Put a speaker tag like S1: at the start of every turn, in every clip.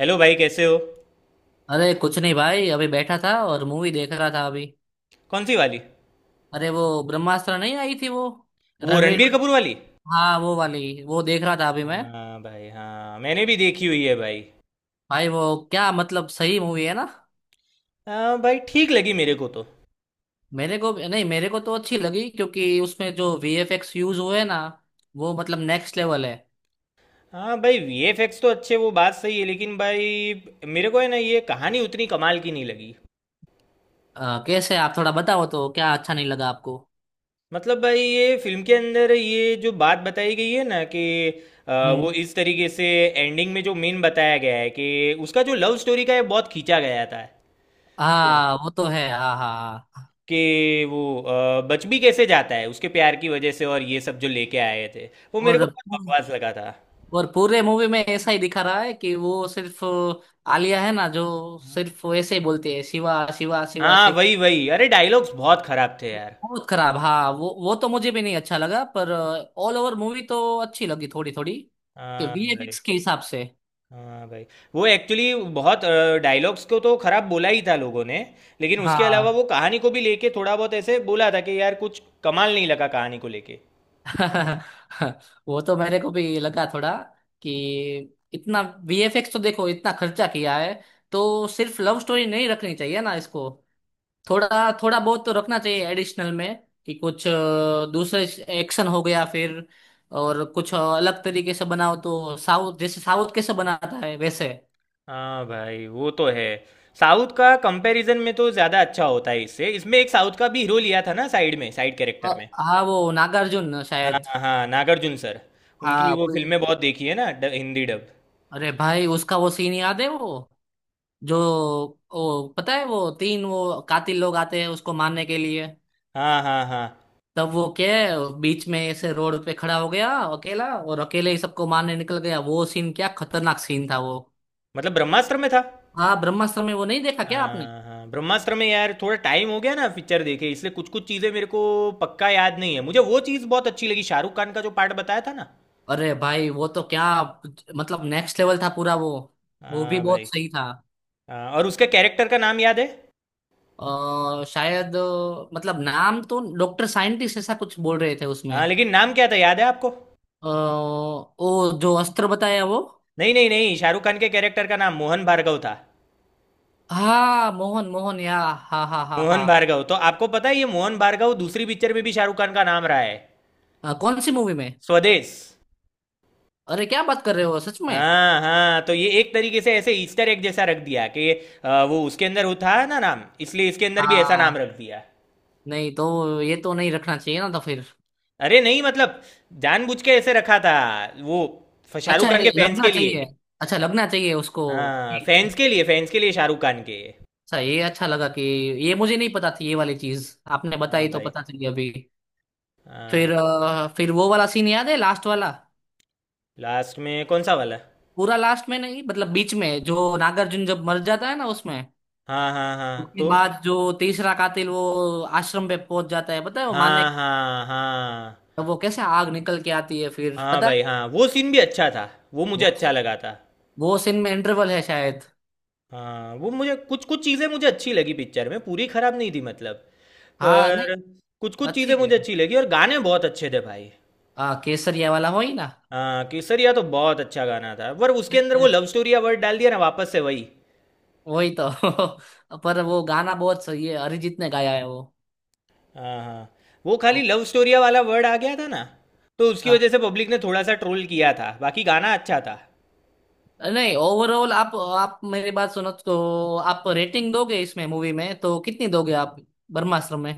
S1: Hello भाई कैसे हो।
S2: अरे कुछ नहीं भाई, अभी बैठा था और मूवी देख रहा था अभी।
S1: कौन सी वाली?
S2: अरे वो ब्रह्मास्त्र नहीं आई थी वो,
S1: वो
S2: रणवीर।
S1: रणबीर कपूर वाली।
S2: हाँ, वो वाली वो देख रहा था अभी मैं।
S1: हाँ भाई, हाँ, मैंने भी देखी हुई है भाई।
S2: भाई वो, क्या मतलब, सही मूवी है ना?
S1: हाँ भाई, ठीक लगी मेरे को तो।
S2: मेरे को नहीं, मेरे को तो अच्छी लगी क्योंकि उसमें जो वीएफएक्स यूज हुए ना, वो मतलब नेक्स्ट लेवल है।
S1: हाँ भाई, वीएफएक्स तो अच्छे, वो बात सही है, लेकिन भाई मेरे को है ना, ये कहानी उतनी कमाल की नहीं लगी।
S2: कैसे, आप थोड़ा बताओ तो क्या अच्छा नहीं लगा आपको?
S1: मतलब भाई, ये फिल्म के अंदर ये जो बात बताई गई है ना कि वो
S2: हम्म।
S1: इस तरीके से एंडिंग में जो मेन बताया गया है कि उसका जो लव स्टोरी का है, बहुत खींचा गया था
S2: हाँ, वो तो है, हाँ हाँ हाँ।
S1: कि वो बच भी कैसे जाता है उसके प्यार की वजह से, और ये सब जो लेके आए थे वो मेरे
S2: और
S1: को बहुत बकवास लगा था।
S2: और पूरे मूवी में ऐसा ही दिखा रहा है कि वो सिर्फ आलिया है ना जो
S1: हम्म।
S2: सिर्फ ऐसे ही बोलती है, शिवा शिवा शिवा
S1: हाँ,
S2: शिव।
S1: वही वही, अरे डायलॉग्स बहुत खराब थे यार।
S2: बहुत खराब, हाँ, वो तो मुझे भी नहीं अच्छा लगा, पर ऑल ओवर मूवी तो अच्छी लगी थोड़ी थोड़ी, कि
S1: हाँ भाई।
S2: वीएफएक्स के हिसाब से।
S1: हाँ भाई वो एक्चुअली बहुत डायलॉग्स को तो खराब बोला ही था लोगों ने, लेकिन उसके अलावा
S2: हाँ।
S1: वो कहानी को भी लेके थोड़ा बहुत ऐसे बोला था कि यार कुछ कमाल नहीं लगा कहानी को लेके।
S2: वो तो मेरे को भी लगा थोड़ा, कि इतना वीएफएक्स तो देखो इतना खर्चा किया है, तो सिर्फ लव स्टोरी नहीं रखनी चाहिए ना इसको। थोड़ा थोड़ा बहुत तो रखना चाहिए एडिशनल में, कि कुछ दूसरे एक्शन हो गया फिर, और कुछ अलग तरीके से बनाओ, तो साउथ जैसे, साउथ कैसे बनाता है वैसे।
S1: हाँ भाई, वो तो है। साउथ का कंपैरिजन में तो ज़्यादा अच्छा होता है इससे। इसमें एक साउथ का भी हीरो लिया था ना, साइड में, साइड
S2: अ,
S1: कैरेक्टर में।
S2: हाँ, वो नागार्जुन
S1: हाँ
S2: शायद।
S1: हाँ हाँ, नागार्जुन सर।
S2: हाँ,
S1: उनकी वो फिल्में बहुत देखी है ना हिंदी डब।
S2: अरे भाई, उसका वो सीन याद है वो, जो वो पता है, वो तीन वो कातिल लोग आते हैं उसको मारने के लिए,
S1: हाँ हाँ हाँ।
S2: तब वो क्या है, बीच में ऐसे रोड पे खड़ा हो गया अकेला, और अकेले ही सबको मारने निकल गया। वो सीन क्या खतरनाक सीन था वो।
S1: मतलब ब्रह्मास्त्र में था?
S2: हाँ, ब्रह्मास्त्र में वो नहीं देखा क्या आपने?
S1: हाँ हाँ ब्रह्मास्त्र में। यार थोड़ा टाइम हो गया ना पिक्चर देखे, इसलिए कुछ कुछ चीज़ें मेरे को पक्का याद नहीं है मुझे। वो चीज़ बहुत अच्छी लगी, शाहरुख खान का जो पार्ट बताया था ना।
S2: अरे भाई, वो तो क्या, मतलब नेक्स्ट लेवल था पूरा वो। वो भी
S1: हाँ
S2: बहुत
S1: भाई।
S2: सही था।
S1: हाँ, और उसके कैरेक्टर का नाम याद है?
S2: शायद मतलब नाम तो डॉक्टर साइंटिस्ट ऐसा कुछ बोल रहे थे उसमें।
S1: हाँ लेकिन नाम क्या था, याद है आपको?
S2: ओ जो अस्त्र बताया वो।
S1: नहीं नहीं नहीं, शाहरुख खान के कैरेक्टर का नाम मोहन भार्गव था।
S2: हाँ, मोहन मोहन, या, हाँ हाँ हाँ हाँ।
S1: मोहन भार्गव, तो आपको पता है ये मोहन भार्गव दूसरी पिक्चर में भी शाहरुख खान का नाम रहा है।
S2: कौन सी मूवी में?
S1: स्वदेश।
S2: अरे क्या बात कर रहे हो, सच में?
S1: हाँ हाँ, तो ये एक तरीके से ऐसे ईस्टर एग जैसा रख दिया कि वो उसके अंदर होता है ना नाम, इसलिए इसके अंदर भी ऐसा नाम
S2: हाँ।
S1: रख दिया।
S2: नहीं, तो ये तो नहीं रखना चाहिए ना तो फिर।
S1: अरे नहीं, मतलब जानबूझ के ऐसे रखा था वो
S2: अच्छा,
S1: शाहरुख खान के
S2: ये
S1: फैंस
S2: लगना
S1: के लिए।
S2: चाहिए, अच्छा लगना चाहिए उसको।
S1: हाँ, फैंस के लिए, फैंस के लिए शाहरुख खान के।
S2: अच्छा, ये अच्छा लगा कि ये मुझे नहीं पता थी, ये वाली चीज आपने
S1: हाँ
S2: बताई तो
S1: भाई।
S2: पता चली अभी।
S1: हाँ।
S2: फिर फिर वो वाला सीन याद है, लास्ट वाला?
S1: लास्ट में कौन सा वाला?
S2: पूरा लास्ट में नहीं, मतलब बीच में जो नागार्जुन जब मर जाता है ना उसमें।
S1: हाँ हाँ हाँ,
S2: उसके
S1: तो।
S2: बाद जो तीसरा कातिल वो आश्रम पे पहुंच जाता है पता है वो मारने।
S1: हाँ हाँ हाँ।
S2: वो कैसे आग निकल के आती है फिर,
S1: हाँ
S2: पता है?
S1: भाई हाँ, वो सीन भी अच्छा था, वो मुझे
S2: वो
S1: अच्छा
S2: scene-
S1: लगा था।
S2: वो सीन में इंटरवल है शायद।
S1: हाँ, वो मुझे कुछ कुछ चीज़ें मुझे अच्छी लगी पिक्चर में, पूरी खराब नहीं थी मतलब।
S2: हाँ, नहीं,
S1: पर कुछ कुछ
S2: अच्छी
S1: चीज़ें मुझे
S2: है।
S1: अच्छी लगी और गाने बहुत अच्छे थे भाई।
S2: हाँ, केसरिया वाला हो ही ना।
S1: हाँ, केसरिया तो बहुत अच्छा गाना था, पर उसके अंदर वो लव स्टोरिया वर्ड डाल दिया ना, वापस से वही।
S2: वही तो। पर वो गाना बहुत सही है, अरिजीत ने गाया है।
S1: हाँ हाँ। वो खाली
S2: वो
S1: लव स्टोरिया वाला वर्ड आ गया था ना, तो उसकी वजह से पब्लिक ने थोड़ा सा ट्रोल किया था, बाकी गाना अच्छा था।
S2: नहीं, ओवरऑल, आप मेरी बात सुनो, तो आप रेटिंग दोगे इसमें, मूवी में, तो कितनी दोगे आप, ब्रह्मास्त्र में?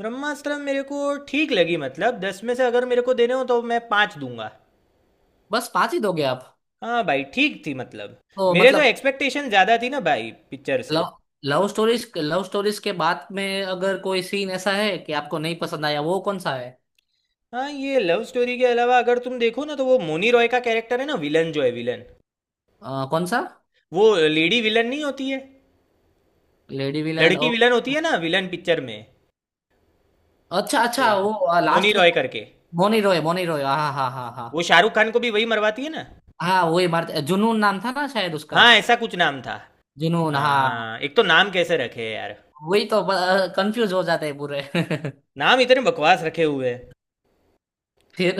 S1: ब्रह्मास्त्र मेरे को ठीक लगी, मतलब दस में से अगर मेरे को देने हो तो मैं पाँच दूंगा।
S2: बस 5 ही दोगे आप?
S1: हाँ भाई, ठीक थी मतलब,
S2: तो
S1: मेरे तो
S2: मतलब,
S1: एक्सपेक्टेशन ज़्यादा थी ना भाई पिक्चर से।
S2: लव लव स्टोरीज के बाद में अगर कोई सीन ऐसा है कि आपको नहीं पसंद आया, वो कौन सा है?
S1: हाँ, ये लव स्टोरी के अलावा अगर तुम देखो ना, तो वो मोनी रॉय का कैरेक्टर है ना, विलन जो है, विलन
S2: कौन सा?
S1: वो लेडी विलन नहीं होती है,
S2: लेडी विलन, ओ।
S1: लड़की विलन होती है ना विलन पिक्चर में।
S2: अच्छा अच्छा,
S1: बोला
S2: वो
S1: मोनी
S2: लास्ट में।
S1: रॉय करके।
S2: मोनी रॉय, मोनी रॉय, हाँ हाँ हाँ हाँ
S1: वो शाहरुख खान को भी वही मरवाती है ना।
S2: हाँ, वही मारते। जुनून नाम था ना शायद उसका?
S1: हाँ ऐसा कुछ नाम था।
S2: जुनून,
S1: हाँ
S2: हाँ।
S1: हाँ, एक तो नाम कैसे रखे हैं यार,
S2: वही तो, कंफ्यूज हो जाते हैं पूरे।
S1: नाम इतने बकवास रखे हुए हैं।
S2: फिर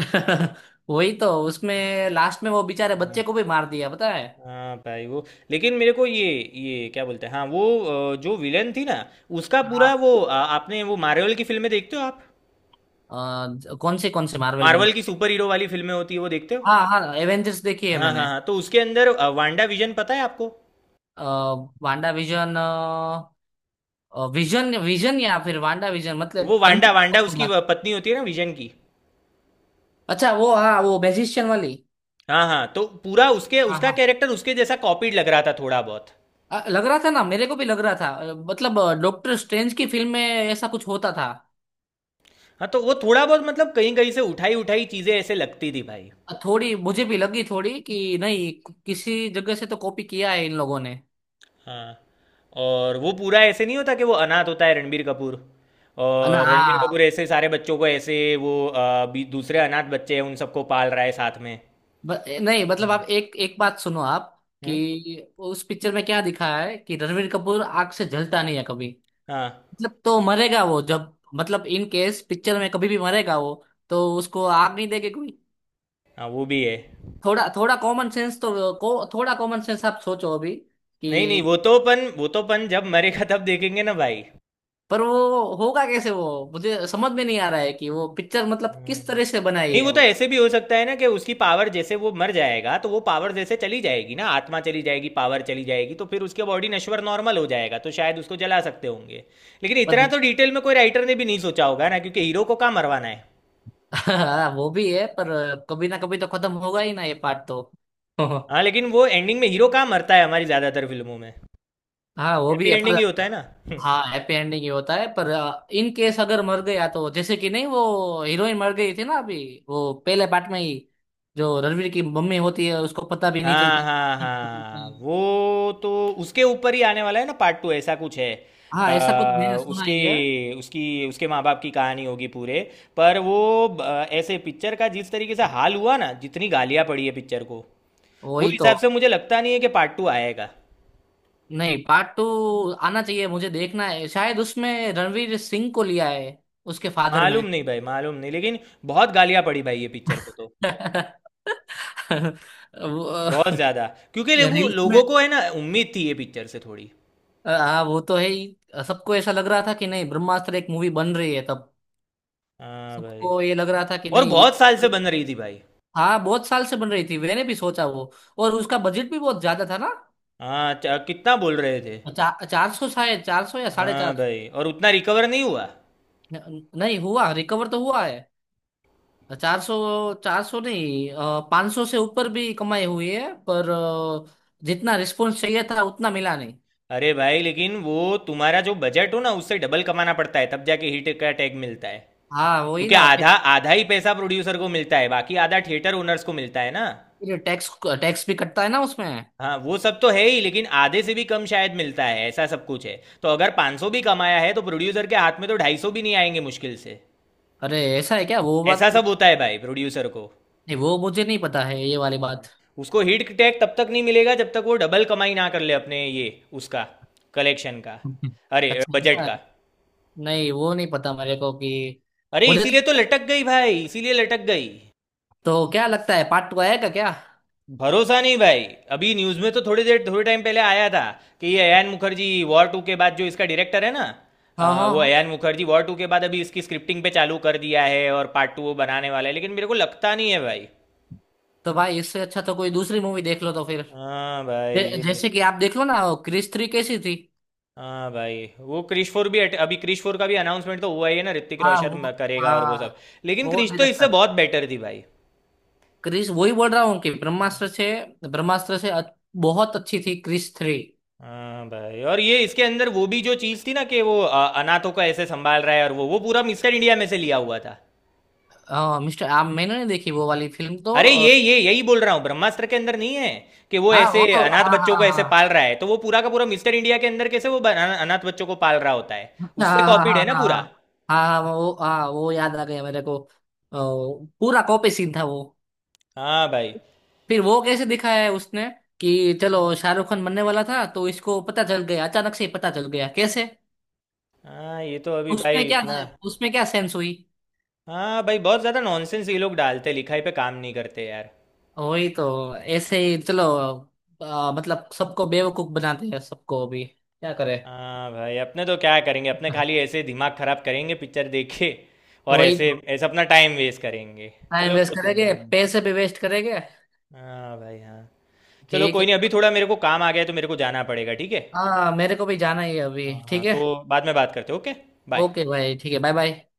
S2: वही तो, उसमें लास्ट में वो बेचारे बच्चे
S1: हाँ।
S2: को भी मार दिया, पता है?
S1: हाँ भाई वो, लेकिन मेरे को ये क्या बोलते हैं, हाँ वो जो विलन थी ना, उसका
S2: हाँ।
S1: पूरा वो आपने वो मार्वल की फिल्में देखते हो आप?
S2: कौन से मार्वल में
S1: मार्वल
S2: मत...
S1: की सुपर हीरो वाली फिल्में होती है, वो देखते हो?
S2: हाँ हाँ, एवेंजर्स देखी है
S1: हाँ हाँ
S2: मैंने।
S1: हाँ, तो उसके अंदर वांडा विजन पता है आपको?
S2: अ, वांडा विजन, विजन विजन, या फिर वांडा विजन, मतलब
S1: वो वांडा वांडा उसकी
S2: कंफ्यूज।
S1: पत्नी होती है ना विजन की।
S2: अच्छा, वो, हाँ, वो मैजिशियन वाली।
S1: हाँ, हाँ, तो पूरा उसके
S2: हाँ
S1: उसका
S2: हाँ,
S1: कैरेक्टर उसके जैसा कॉपीड लग रहा था थोड़ा बहुत।
S2: लग रहा था ना, मेरे को भी लग रहा था, मतलब डॉक्टर स्ट्रेंज की फिल्म में ऐसा कुछ होता था।
S1: हाँ, तो वो थोड़ा बहुत मतलब कहीं-कहीं से उठाई-उठाई चीज़ें ऐसे लगती थी भाई।
S2: थोड़ी मुझे भी लगी, थोड़ी, कि नहीं, किसी जगह से तो कॉपी किया है इन लोगों ने।
S1: हाँ, और वो पूरा ऐसे नहीं होता कि वो अनाथ होता है रणबीर कपूर,
S2: ना,
S1: और रणबीर कपूर
S2: हाँ।
S1: ऐसे सारे बच्चों को ऐसे वो बी दूसरे अनाथ बच्चे हैं उन सबको पाल रहा है साथ में।
S2: नहीं मतलब,
S1: हाँ।
S2: आप एक एक बात सुनो आप,
S1: हुँ?
S2: कि उस पिक्चर में क्या दिखाया है कि रणवीर कपूर आग से जलता नहीं है कभी।
S1: हाँ,
S2: मतलब, तो मरेगा वो जब, मतलब इन केस पिक्चर में कभी भी मरेगा वो, तो उसको आग नहीं देगी कोई।
S1: हाँ, वो भी है।
S2: थोड़ा थोड़ा कॉमन सेंस तो थोड़ा कॉमन सेंस आप सोचो अभी,
S1: नहीं, नहीं,
S2: कि
S1: वो तो अपन जब मरेगा तब देखेंगे ना भाई।
S2: पर वो होगा कैसे वो? मुझे समझ में नहीं आ रहा है कि वो पिक्चर मतलब किस
S1: हुँ।
S2: तरह से बनाई
S1: नहीं,
S2: है
S1: वो तो
S2: वो।
S1: ऐसे भी हो सकता है ना कि उसकी पावर जैसे वो मर जाएगा तो वो पावर जैसे चली जाएगी ना, आत्मा चली जाएगी, पावर चली जाएगी, तो फिर उसके बॉडी नश्वर नॉर्मल हो जाएगा तो शायद उसको जला सकते होंगे। लेकिन
S2: पर
S1: इतना तो डिटेल में कोई राइटर ने भी नहीं सोचा होगा ना, क्योंकि हीरो को कहाँ मरवाना है।
S2: वो भी है, पर कभी ना कभी तो खत्म होगा ही ना ये पार्ट तो।
S1: हाँ, लेकिन वो एंडिंग में हीरो कहाँ मरता है हमारी ज़्यादातर फिल्मों में,
S2: हाँ, वो भी
S1: हैप्पी
S2: है,
S1: एंडिंग
S2: पर
S1: ही होता है ना।
S2: हाँ, हैप्पी एंडिंग ही होता है, पर इन केस अगर मर गया तो, जैसे कि नहीं वो हीरोइन मर गई थी ना अभी, वो पहले पार्ट में ही, जो रणवीर की मम्मी होती है, उसको पता भी नहीं
S1: हाँ
S2: चलता।
S1: हाँ हाँ, वो तो उसके ऊपर ही आने वाला है ना पार्ट टू, ऐसा कुछ है।
S2: हाँ, ऐसा कुछ मैंने सुना ही है।
S1: उसकी उसकी उसके माँ बाप की कहानी होगी पूरे, पर वो अ, ऐसे पिक्चर का जिस तरीके से हाल हुआ ना, जितनी गालियाँ पड़ी है पिक्चर को, वो
S2: वही तो।
S1: हिसाब से मुझे लगता नहीं है कि पार्ट टू आएगा।
S2: नहीं, पार्ट 2 आना चाहिए, मुझे देखना है, शायद उसमें रणवीर सिंह को लिया है उसके फादर में।
S1: मालूम नहीं भाई, मालूम नहीं, लेकिन बहुत गालियाँ पड़ी भाई ये पिक्चर को तो,
S2: वो,
S1: बहुत ज़्यादा, क्योंकि लोगों
S2: रिलीज में।
S1: लोगों को है ना उम्मीद थी ये पिक्चर से थोड़ी।
S2: हाँ, वो तो है ही। सबको ऐसा लग रहा था कि नहीं ब्रह्मास्त्र एक मूवी बन रही है तब,
S1: हाँ भाई।
S2: सबको ये लग रहा था कि
S1: और
S2: नहीं।
S1: बहुत साल से
S2: ये-
S1: बन रही थी भाई।
S2: हाँ, बहुत साल से बन रही थी, मैंने भी सोचा वो। और उसका बजट भी बहुत ज्यादा था ना।
S1: हाँ, कितना बोल रहे थे?
S2: 400, शायद 400 या साढ़े चार
S1: हाँ
S2: सौ
S1: भाई, और उतना रिकवर नहीं हुआ।
S2: नहीं हुआ, रिकवर तो हुआ है, 400, 400 नहीं, 500 से ऊपर भी कमाई हुई है, पर जितना रिस्पॉन्स चाहिए था उतना मिला नहीं।
S1: अरे भाई, लेकिन वो तुम्हारा जो बजट हो ना, उससे डबल कमाना पड़ता है तब जाके हिट का टैग मिलता है,
S2: हाँ, वही
S1: क्योंकि
S2: ना।
S1: आधा आधा ही पैसा प्रोड्यूसर को मिलता है, बाकी आधा थिएटर ओनर्स को मिलता है ना।
S2: फिर टैक्स टैक्स भी कटता है ना उसमें।
S1: हाँ, वो सब तो है ही, लेकिन आधे से भी कम शायद मिलता है, ऐसा सब कुछ है। तो अगर 500 भी कमाया है तो प्रोड्यूसर के हाथ में तो 250 भी नहीं आएंगे मुश्किल से।
S2: अरे ऐसा है क्या? वो बात
S1: ऐसा
S2: नहीं,
S1: सब होता है भाई प्रोड्यूसर को।
S2: वो मुझे नहीं पता है ये वाली बात।
S1: हाँ। उसको हिट टैग तब तक नहीं मिलेगा जब तक वो डबल कमाई ना कर ले अपने ये, उसका कलेक्शन का, अरे
S2: अच्छा, ऐसा
S1: बजट
S2: है।
S1: का।
S2: नहीं, वो नहीं पता मेरे को कि,
S1: अरे
S2: मुझे
S1: इसीलिए तो लटक गई भाई, इसीलिए लटक गई।
S2: तो क्या लगता है, पार्ट 2 आएगा क्या?
S1: भरोसा नहीं भाई। अभी न्यूज़ में तो थोड़ी देर, थोड़े टाइम पहले आया था कि ये अयान मुखर्जी वॉर टू के बाद, जो इसका डायरेक्टर है ना,
S2: हाँ हाँ
S1: वो
S2: हाँ,
S1: अयान मुखर्जी वॉर टू के बाद अभी इसकी स्क्रिप्टिंग पे चालू कर दिया है, और पार्ट टू वो बनाने वाला है, लेकिन मेरे को लगता नहीं है भाई।
S2: तो भाई इससे अच्छा तो कोई दूसरी मूवी देख लो तो फिर।
S1: हाँ भाई ये-।
S2: जैसे कि आप देख लो ना, वो क्रिस 3 कैसी थी।
S1: हाँ भाई, वो क्रिश फोर भी अभी क्रिश फोर का भी अनाउंसमेंट तो हुआ ही है ना, ऋतिक
S2: हाँ,
S1: रोशन
S2: वो,
S1: करेगा और वो सब,
S2: हाँ,
S1: लेकिन
S2: वो
S1: क्रिश तो इससे
S2: डायरेक्टर।
S1: बहुत बेटर थी भाई।
S2: क्रिस, वही बोल रहा हूँ कि,
S1: हम्म।
S2: ब्रह्मास्त्र से, ब्रह्मास्त्र से बहुत अच्छी थी क्रिस 3।
S1: हाँ भाई, और ये इसके अंदर वो भी जो चीज़ थी ना कि वो अनाथों का ऐसे संभाल रहा है, और वो पूरा मिस्टर इंडिया में से लिया हुआ था।
S2: हाँ मिस्टर, आप, मैंने नहीं देखी वो वाली फिल्म तो,
S1: अरे ये यही बोल रहा हूँ ब्रह्मास्त्र के अंदर नहीं है, कि वो
S2: हाँ, वो
S1: ऐसे
S2: तो,
S1: अनाथ
S2: हाँ
S1: बच्चों
S2: हाँ
S1: को ऐसे
S2: हाँ
S1: पाल रहा है तो वो पूरा का पूरा मिस्टर इंडिया के अंदर कैसे वो अनाथ बच्चों को पाल रहा होता है।
S2: हाँ
S1: उससे
S2: हाँ
S1: कॉपीड है
S2: हाँ
S1: ना
S2: हाँ हाँ
S1: पूरा।
S2: हाँ, हाँ, वो, हाँ, वो याद आ गया मेरे को, पूरा कॉपी सीन था वो।
S1: हाँ भाई।
S2: फिर वो कैसे दिखाया है उसने कि, चलो शाहरुख खान बनने वाला था तो इसको पता चल गया, अचानक से ही पता चल गया कैसे?
S1: हाँ, ये तो अभी
S2: उसमें
S1: भाई
S2: क्या,
S1: इतना।
S2: उसमें क्या सेंस हुई?
S1: हाँ भाई, बहुत ज़्यादा नॉनसेंस ये लोग डालते, लिखाई पे काम नहीं करते यार।
S2: वही तो, ऐसे ही चलो। मतलब सबको बेवकूफ बनाते हैं, सबको अभी क्या करे।
S1: हाँ भाई, अपने तो क्या करेंगे, अपने खाली ऐसे दिमाग खराब करेंगे पिक्चर देखे और
S2: वही
S1: ऐसे
S2: तो,
S1: ऐसे अपना टाइम वेस्ट करेंगे।
S2: टाइम
S1: चलो,
S2: वेस्ट
S1: कुछ नहीं,
S2: करेंगे,
S1: हाँ।
S2: पैसे भी वेस्ट करेंगे।
S1: हाँ भाई, हाँ। चलो
S2: ठीक है,
S1: कोई नहीं, अभी थोड़ा मेरे को काम आ गया है तो मेरे को जाना पड़ेगा, ठीक है।
S2: हाँ, मेरे को भी जाना ही है अभी।
S1: हाँ हाँ
S2: ठीक है,
S1: तो बाद में बात करते हैं, ओके। बाय।
S2: ओके भाई, ठीक है, बाय बाय।